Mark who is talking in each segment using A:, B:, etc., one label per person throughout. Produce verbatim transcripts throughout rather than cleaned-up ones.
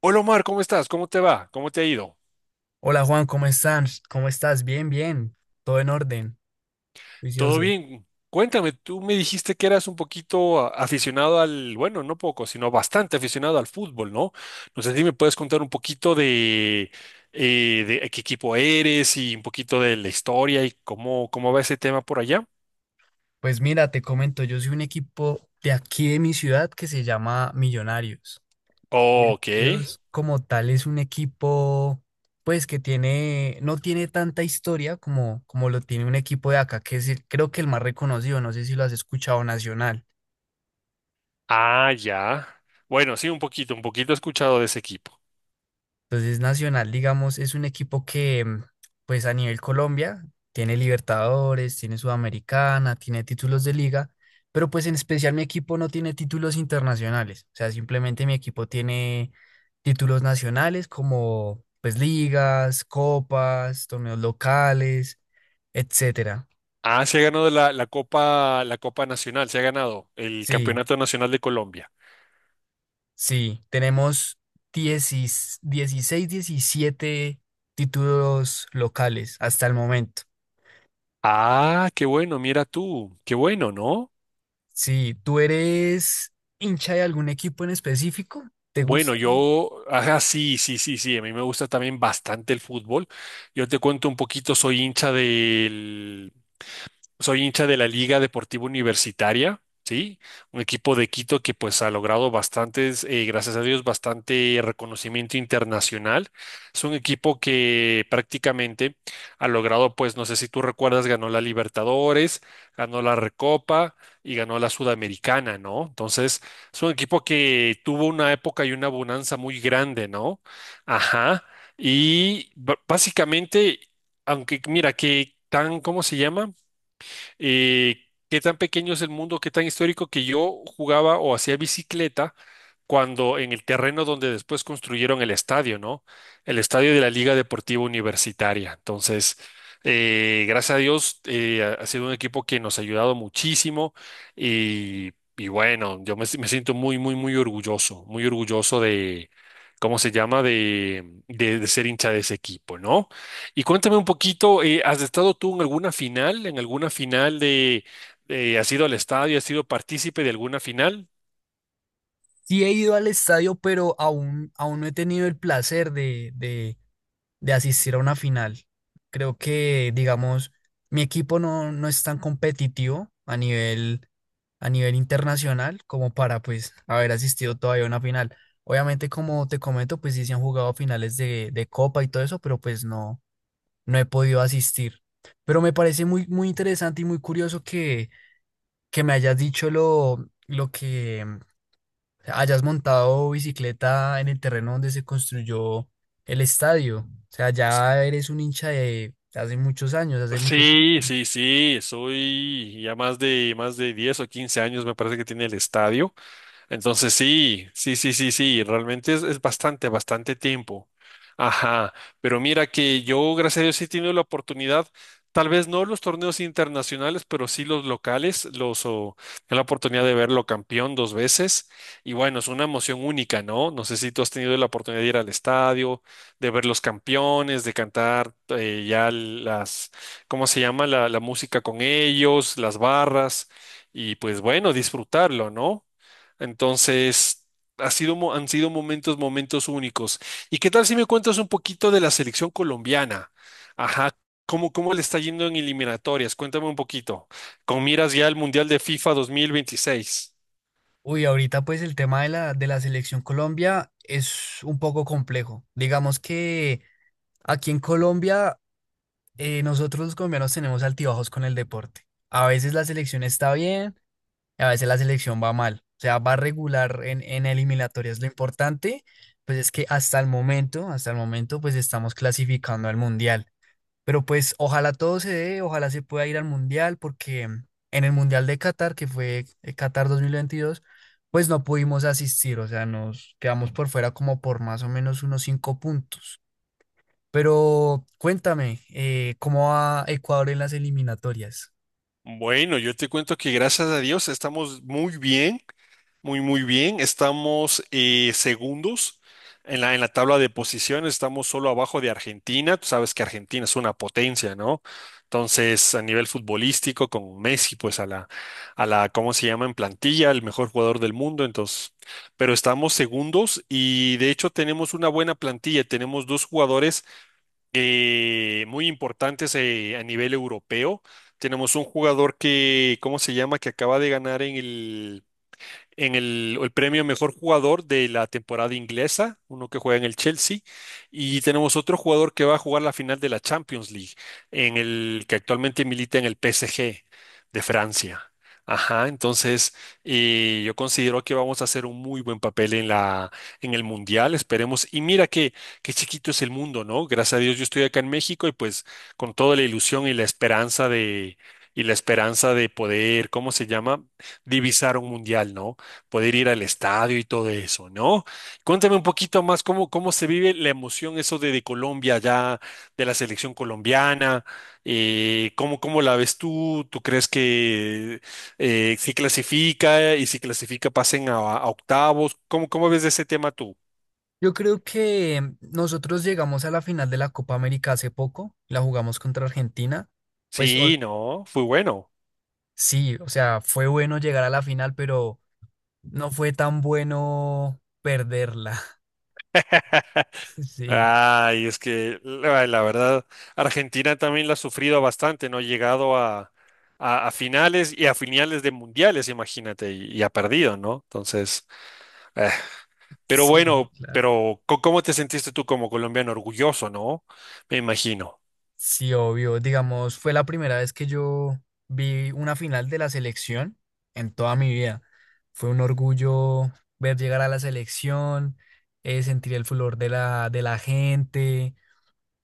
A: Hola Omar, ¿cómo estás? ¿Cómo te va? ¿Cómo te ha ido?
B: Hola Juan, ¿cómo estás? ¿Cómo estás? Bien, bien, todo en orden,
A: ¿Todo
B: juicioso.
A: bien? Cuéntame, tú me dijiste que eras un poquito a- aficionado al, bueno, no poco, sino bastante aficionado al fútbol, ¿no? No sé si me puedes contar un poquito de, eh, de qué equipo eres y un poquito de la historia y cómo, cómo va ese tema por allá.
B: Pues mira, te comento, yo soy un equipo de aquí de mi ciudad que se llama Millonarios.
A: Ok.
B: Millonarios como tal es un equipo, pues que tiene, no tiene tanta historia como, como lo tiene un equipo de acá, que es el- creo que el más reconocido, no sé si lo has escuchado, Nacional.
A: Ah, ya. Bueno, sí, un poquito, un poquito he escuchado de ese equipo.
B: Entonces, Nacional, digamos, es un equipo que, mm, pues a nivel Colombia, tiene Libertadores, tiene Sudamericana, tiene títulos de liga, pero pues en especial mi equipo no tiene títulos internacionales. O sea, simplemente mi equipo tiene títulos nacionales como pues ligas, copas, torneos locales, etcétera.
A: Ah, se ha ganado la, la Copa, la Copa Nacional, se ha ganado el
B: Sí,
A: Campeonato Nacional de Colombia.
B: sí, tenemos dieciséis, diecisiete títulos locales hasta el momento.
A: Ah, qué bueno, mira tú, qué bueno, ¿no?
B: Sí, ¿tú eres hincha de algún equipo en específico? ¿Te
A: Bueno,
B: gusta?
A: yo, ajá, sí, sí, sí, sí, a mí me gusta también bastante el fútbol. Yo te cuento un poquito, soy hincha del Soy hincha de la Liga Deportiva Universitaria, ¿sí? Un equipo de Quito que pues ha logrado bastantes, eh, gracias a Dios, bastante reconocimiento internacional. Es un equipo que prácticamente ha logrado, pues no sé si tú recuerdas, ganó la Libertadores, ganó la Recopa y ganó la Sudamericana, ¿no? Entonces, es un equipo que tuvo una época y una bonanza muy grande, ¿no? Ajá. Y b- básicamente, aunque mira, que tan, ¿cómo se llama? eh, qué tan pequeño es el mundo, qué tan histórico que yo jugaba o hacía bicicleta cuando en el terreno donde después construyeron el estadio, ¿no? El estadio de la Liga Deportiva Universitaria. Entonces, eh, gracias a Dios, eh, ha ha sido un equipo que nos ha ayudado muchísimo y, y bueno, yo me, si, me siento muy, muy, muy orgulloso, muy orgulloso de, ¿cómo se llama? De, de, de ser hincha de ese equipo, ¿no? Y cuéntame un poquito, eh, ¿has estado tú en alguna final? ¿En alguna final de, de- has ido al estadio, has sido partícipe de alguna final?
B: Sí he ido al estadio, pero aún, aún no he tenido el placer de, de- de asistir a una final. Creo que, digamos, mi equipo no, no es tan competitivo a nivel, a nivel internacional como para, pues, haber asistido todavía a una final. Obviamente, como te comento, pues sí se han jugado finales de, de Copa y todo eso, pero pues no, no he podido asistir. Pero me parece muy, muy interesante y muy curioso que me hayas dicho lo, lo que mm, hayas montado bicicleta en el terreno donde se construyó el estadio. O sea, ya eres un hincha de hace muchos años, hace mucho
A: Sí,
B: tiempo.
A: sí, sí, soy ya más de más de diez o quince años me parece que tiene el estadio. Entonces sí, sí, sí, sí, sí, realmente es, es bastante, bastante tiempo. Ajá, pero mira que yo, gracias a Dios, sí he tenido la oportunidad, tal vez no los torneos internacionales, pero sí los locales, los, o, la oportunidad de verlo campeón dos veces. Y bueno, es una emoción única, ¿no? No sé si tú has tenido la oportunidad de ir al estadio, de ver los campeones, de cantar eh, ya las, ¿cómo se llama? La, la música con ellos, las barras, y pues bueno, disfrutarlo, ¿no? Entonces, ha sido, mo- han sido momentos, momentos únicos. ¿Y qué tal si me cuentas un poquito de la selección colombiana? Ajá, ¿cómo, cómo le está yendo en eliminatorias? Cuéntame un poquito. Con miras ya al Mundial de FIFA dos mil veintiséis.
B: Uy, ahorita pues el tema de la, de la selección Colombia es un poco complejo. Digamos que aquí en Colombia eh, nosotros los colombianos tenemos altibajos con el deporte. A veces la selección está bien, a veces la selección va mal, o sea, va regular en, en eliminatorias. Lo importante pues es que hasta el momento, hasta el momento, pues estamos clasificando al mundial. Pero pues ojalá todo se dé, ojalá se pueda ir al mundial, porque en el mundial de Qatar, que fue eh, Qatar dos mil veintidós, pues no pudimos asistir, o sea, nos quedamos por fuera como por más o menos unos cinco puntos. Pero cuéntame, eh, ¿cómo va Ecuador en las eliminatorias?
A: Bueno, yo te cuento que gracias a Dios estamos muy bien, muy, muy bien. Estamos eh, segundos en la, en la tabla de posiciones, estamos solo abajo de Argentina. Tú sabes que Argentina es una potencia, ¿no? Entonces, a nivel futbolístico, con Messi, pues a la, a la, ¿cómo se llama? En plantilla, el mejor jugador del mundo. Entonces, pero estamos segundos y de hecho tenemos una buena plantilla. Tenemos dos jugadores eh, muy importantes eh, a nivel europeo. Tenemos un jugador que, ¿cómo se llama? Que acaba de ganar en el, en el, el premio mejor jugador de la temporada inglesa, uno que juega en el Chelsea, y tenemos otro jugador que va a jugar la final de la Champions League, en el que actualmente milita en el P S G de Francia. Ajá, entonces eh, yo considero que vamos a hacer un muy buen papel en la, en el mundial, esperemos. Y mira que qué chiquito es el mundo, ¿no? Gracias a Dios yo estoy acá en México y pues con toda la ilusión y la esperanza de y la esperanza de poder, ¿cómo se llama? Divisar un mundial, ¿no? Poder ir al estadio y todo eso, ¿no? Cuéntame un poquito más cómo, cómo se vive la emoción eso de, de Colombia ya, de la selección colombiana, eh, cómo, cómo la ves tú, ¿tú crees que eh, si clasifica y si clasifica pasen a, a octavos? ¿Cómo, cómo ves de ese tema tú?
B: Yo creo que nosotros llegamos a la final de la Copa América hace poco, la jugamos contra Argentina. Pues o-
A: Sí, no, fue bueno.
B: sí, o sea, fue bueno llegar a la final, pero no fue tan bueno perderla. Sí,
A: Ay, es que la, la verdad, Argentina también la ha sufrido bastante, no ha llegado a, a- a finales y a finales de mundiales, imagínate, y, y ha perdido, ¿no? Entonces, eh, pero
B: sí,
A: bueno,
B: claro.
A: pero co- ¿cómo te sentiste tú como colombiano? Orgulloso, ¿no? Me imagino.
B: Sí, obvio. Digamos, fue la primera vez que yo vi una final de la selección en toda mi vida. Fue un orgullo ver llegar a la selección, eh, sentir el flor de la, de la gente.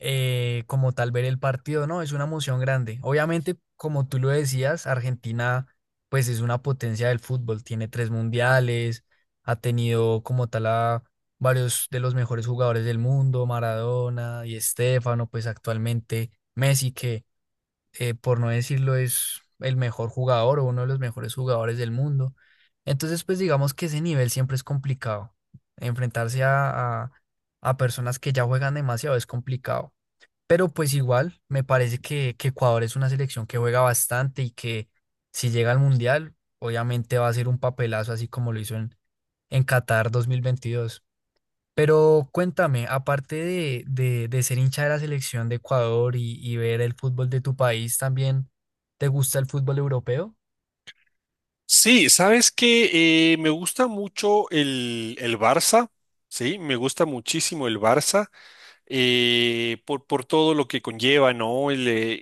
B: eh, como tal ver el partido, ¿no? Es una emoción grande. Obviamente, como tú lo decías, Argentina pues es una potencia del fútbol, tiene tres mundiales, ha tenido como tal a varios de los mejores jugadores del mundo, Maradona y Estefano, pues actualmente Messi, que eh, por no decirlo es el mejor jugador o uno de los mejores jugadores del mundo. Entonces, pues digamos que ese nivel siempre es complicado. Enfrentarse a, a a personas que ya juegan demasiado es complicado. Pero pues igual, me parece que, que Ecuador es una selección que juega bastante y que si llega al Mundial, obviamente va a ser un papelazo así como lo hizo en, en Qatar dos mil veintidós. Pero cuéntame, aparte de, de, de ser hincha de la selección de Ecuador y, y ver el fútbol de tu país, ¿también te gusta el fútbol europeo?
A: Sí, sabes que me gusta mucho el, el Barça, sí, me gusta muchísimo el Barça. eh, por, por todo lo que conlleva, ¿no? El, eh,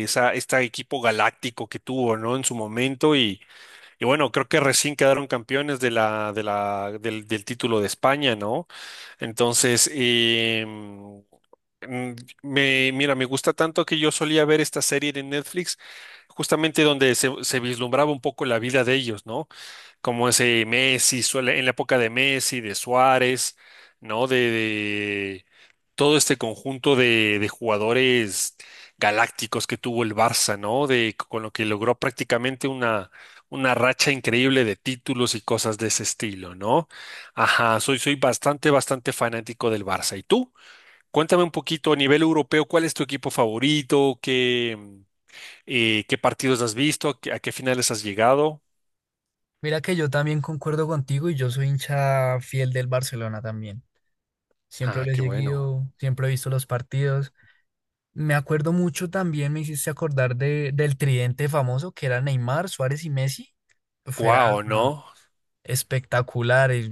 A: eh, esa, este equipo galáctico que tuvo, ¿no? En su momento y, y bueno, creo que recién quedaron campeones de la, de la, del, del título de España, ¿no? Entonces, em, mm, me, mira, me gusta tanto que yo solía ver esta serie de Netflix, justamente donde se, se vislumbraba un poco la vida de ellos, ¿no? Como ese Messi, suele, en la época de Messi, de Suárez, ¿no? De, de todo este conjunto de, de jugadores galácticos que tuvo el Barça, ¿no? De, con lo que logró prácticamente una, una racha increíble de títulos y cosas de ese estilo, ¿no? Ajá, soy, soy bastante, bastante fanático del Barça. ¿Y tú? Cuéntame un poquito a nivel europeo, ¿cuál es tu equipo favorito? ¿Qué, eh, qué partidos has visto? ¿A qué a qué finales has llegado?
B: Mira que yo también concuerdo contigo y yo soy hincha fiel del Barcelona también. Siempre
A: Ah,
B: lo he
A: qué bueno.
B: seguido, siempre he visto los partidos. Me acuerdo mucho también, me hiciste acordar de, del tridente famoso que era Neymar, Suárez y Messi. Fuera,
A: Wow, ¿no?
B: espectacular. y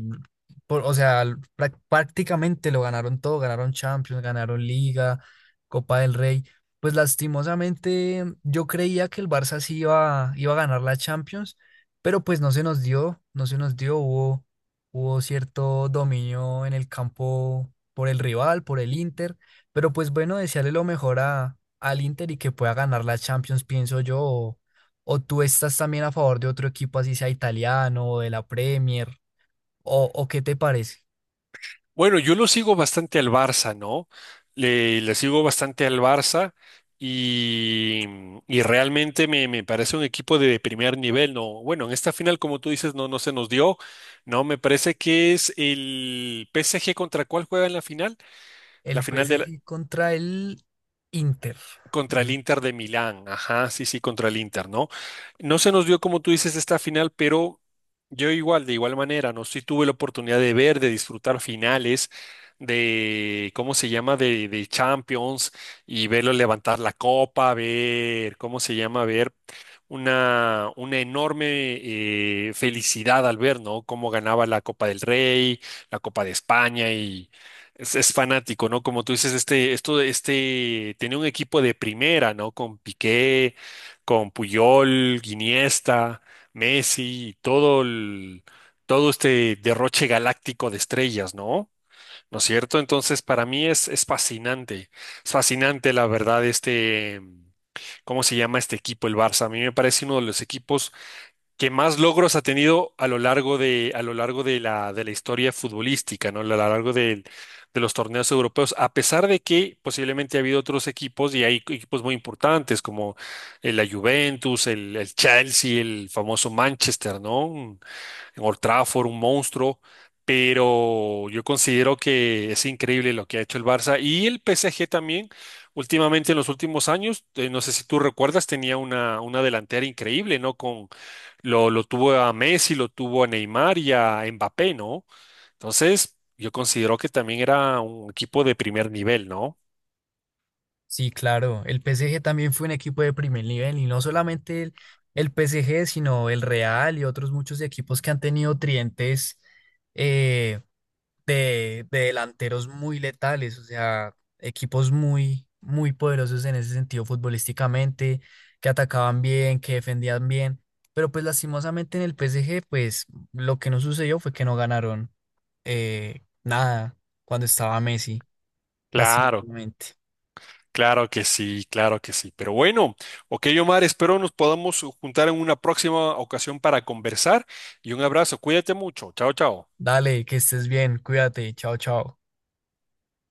B: por- o sea, l- prá- Prácticamente lo ganaron todo, ganaron Champions, ganaron Liga, Copa del Rey. Pues lastimosamente mm, yo creía que el Barça sí iba, iba a ganar la Champions, pero pues no se nos dio, no se nos dio, hubo, hubo cierto dominio en el campo por el rival, por el Inter, pero pues bueno, desearle lo mejor a, al Inter y que pueda ganar la Champions, pienso yo. ¿O tú estás también a favor de otro equipo, así sea italiano o de la Premier? ¿O, o qué te parece?
A: Bueno, yo lo sigo bastante al Barça, ¿no? Le, le sigo bastante al Barça y, y realmente me, me parece un equipo de primer nivel, ¿no? Bueno, en esta final, como tú dices, no, no se nos dio, ¿no? Me parece que es el P S G contra cuál juega en la final, la
B: El
A: final del
B: P S G contra el Inter.
A: Contra el
B: de-
A: Inter de Milán, ajá, sí, sí, contra el Inter, ¿no? No se nos dio, como tú dices, esta final, pero yo igual, de igual manera, ¿no? Sí tuve la oportunidad de ver, de disfrutar finales, de, ¿cómo se llama?, de, de Champions, y verlo levantar la copa, ver, ¿cómo se llama?, ver una, una enorme eh, felicidad al ver, ¿no? Cómo ganaba la Copa del Rey, la Copa de España y es, es fanático, ¿no? Como tú dices, este, esto, este, tenía un equipo de primera, ¿no? Con Piqué, con Puyol, Iniesta, Messi, y todo el, todo este derroche galáctico de estrellas, ¿no? ¿No es cierto? Entonces, para mí es, es fascinante, es fascinante, la verdad, este. ¿Cómo se llama este equipo, el Barça? A mí me parece uno de los equipos que más logros ha tenido a lo largo de, a lo largo de la, de la historia futbolística, ¿no? A lo largo del- de, los torneos europeos, a pesar de que posiblemente ha habido otros equipos y hay equipos muy importantes como eh, la Juventus, el, el Chelsea, el famoso Manchester, ¿no? En Old Trafford, un monstruo, pero yo considero que es increíble lo que ha hecho el Barça y el P S G también. Últimamente, en los últimos años, eh, no sé si tú recuerdas, tenía una, una delantera increíble, ¿no? Con, lo, lo tuvo a Messi, lo tuvo a Neymar y a Mbappé, ¿no? Entonces, yo considero que también era un equipo de primer nivel, ¿no?
B: Sí, claro. El P S G también fue un equipo de primer nivel y no solamente el, el P S G, sino el Real y otros muchos equipos que han tenido trientes, eh, de, de delanteros muy letales, o sea, equipos muy, muy poderosos en ese sentido futbolísticamente, que atacaban bien, que defendían bien, pero pues lastimosamente en el P S G, pues lo que no sucedió fue que no ganaron eh, nada cuando estaba Messi,
A: Claro,
B: lastimosamente.
A: claro que sí, claro que sí. Pero bueno, ok, Omar, espero nos podamos juntar en una próxima ocasión para conversar y un abrazo. Cuídate mucho. Chao, chao.
B: Dale, que estés bien, cuídate, chao, chao.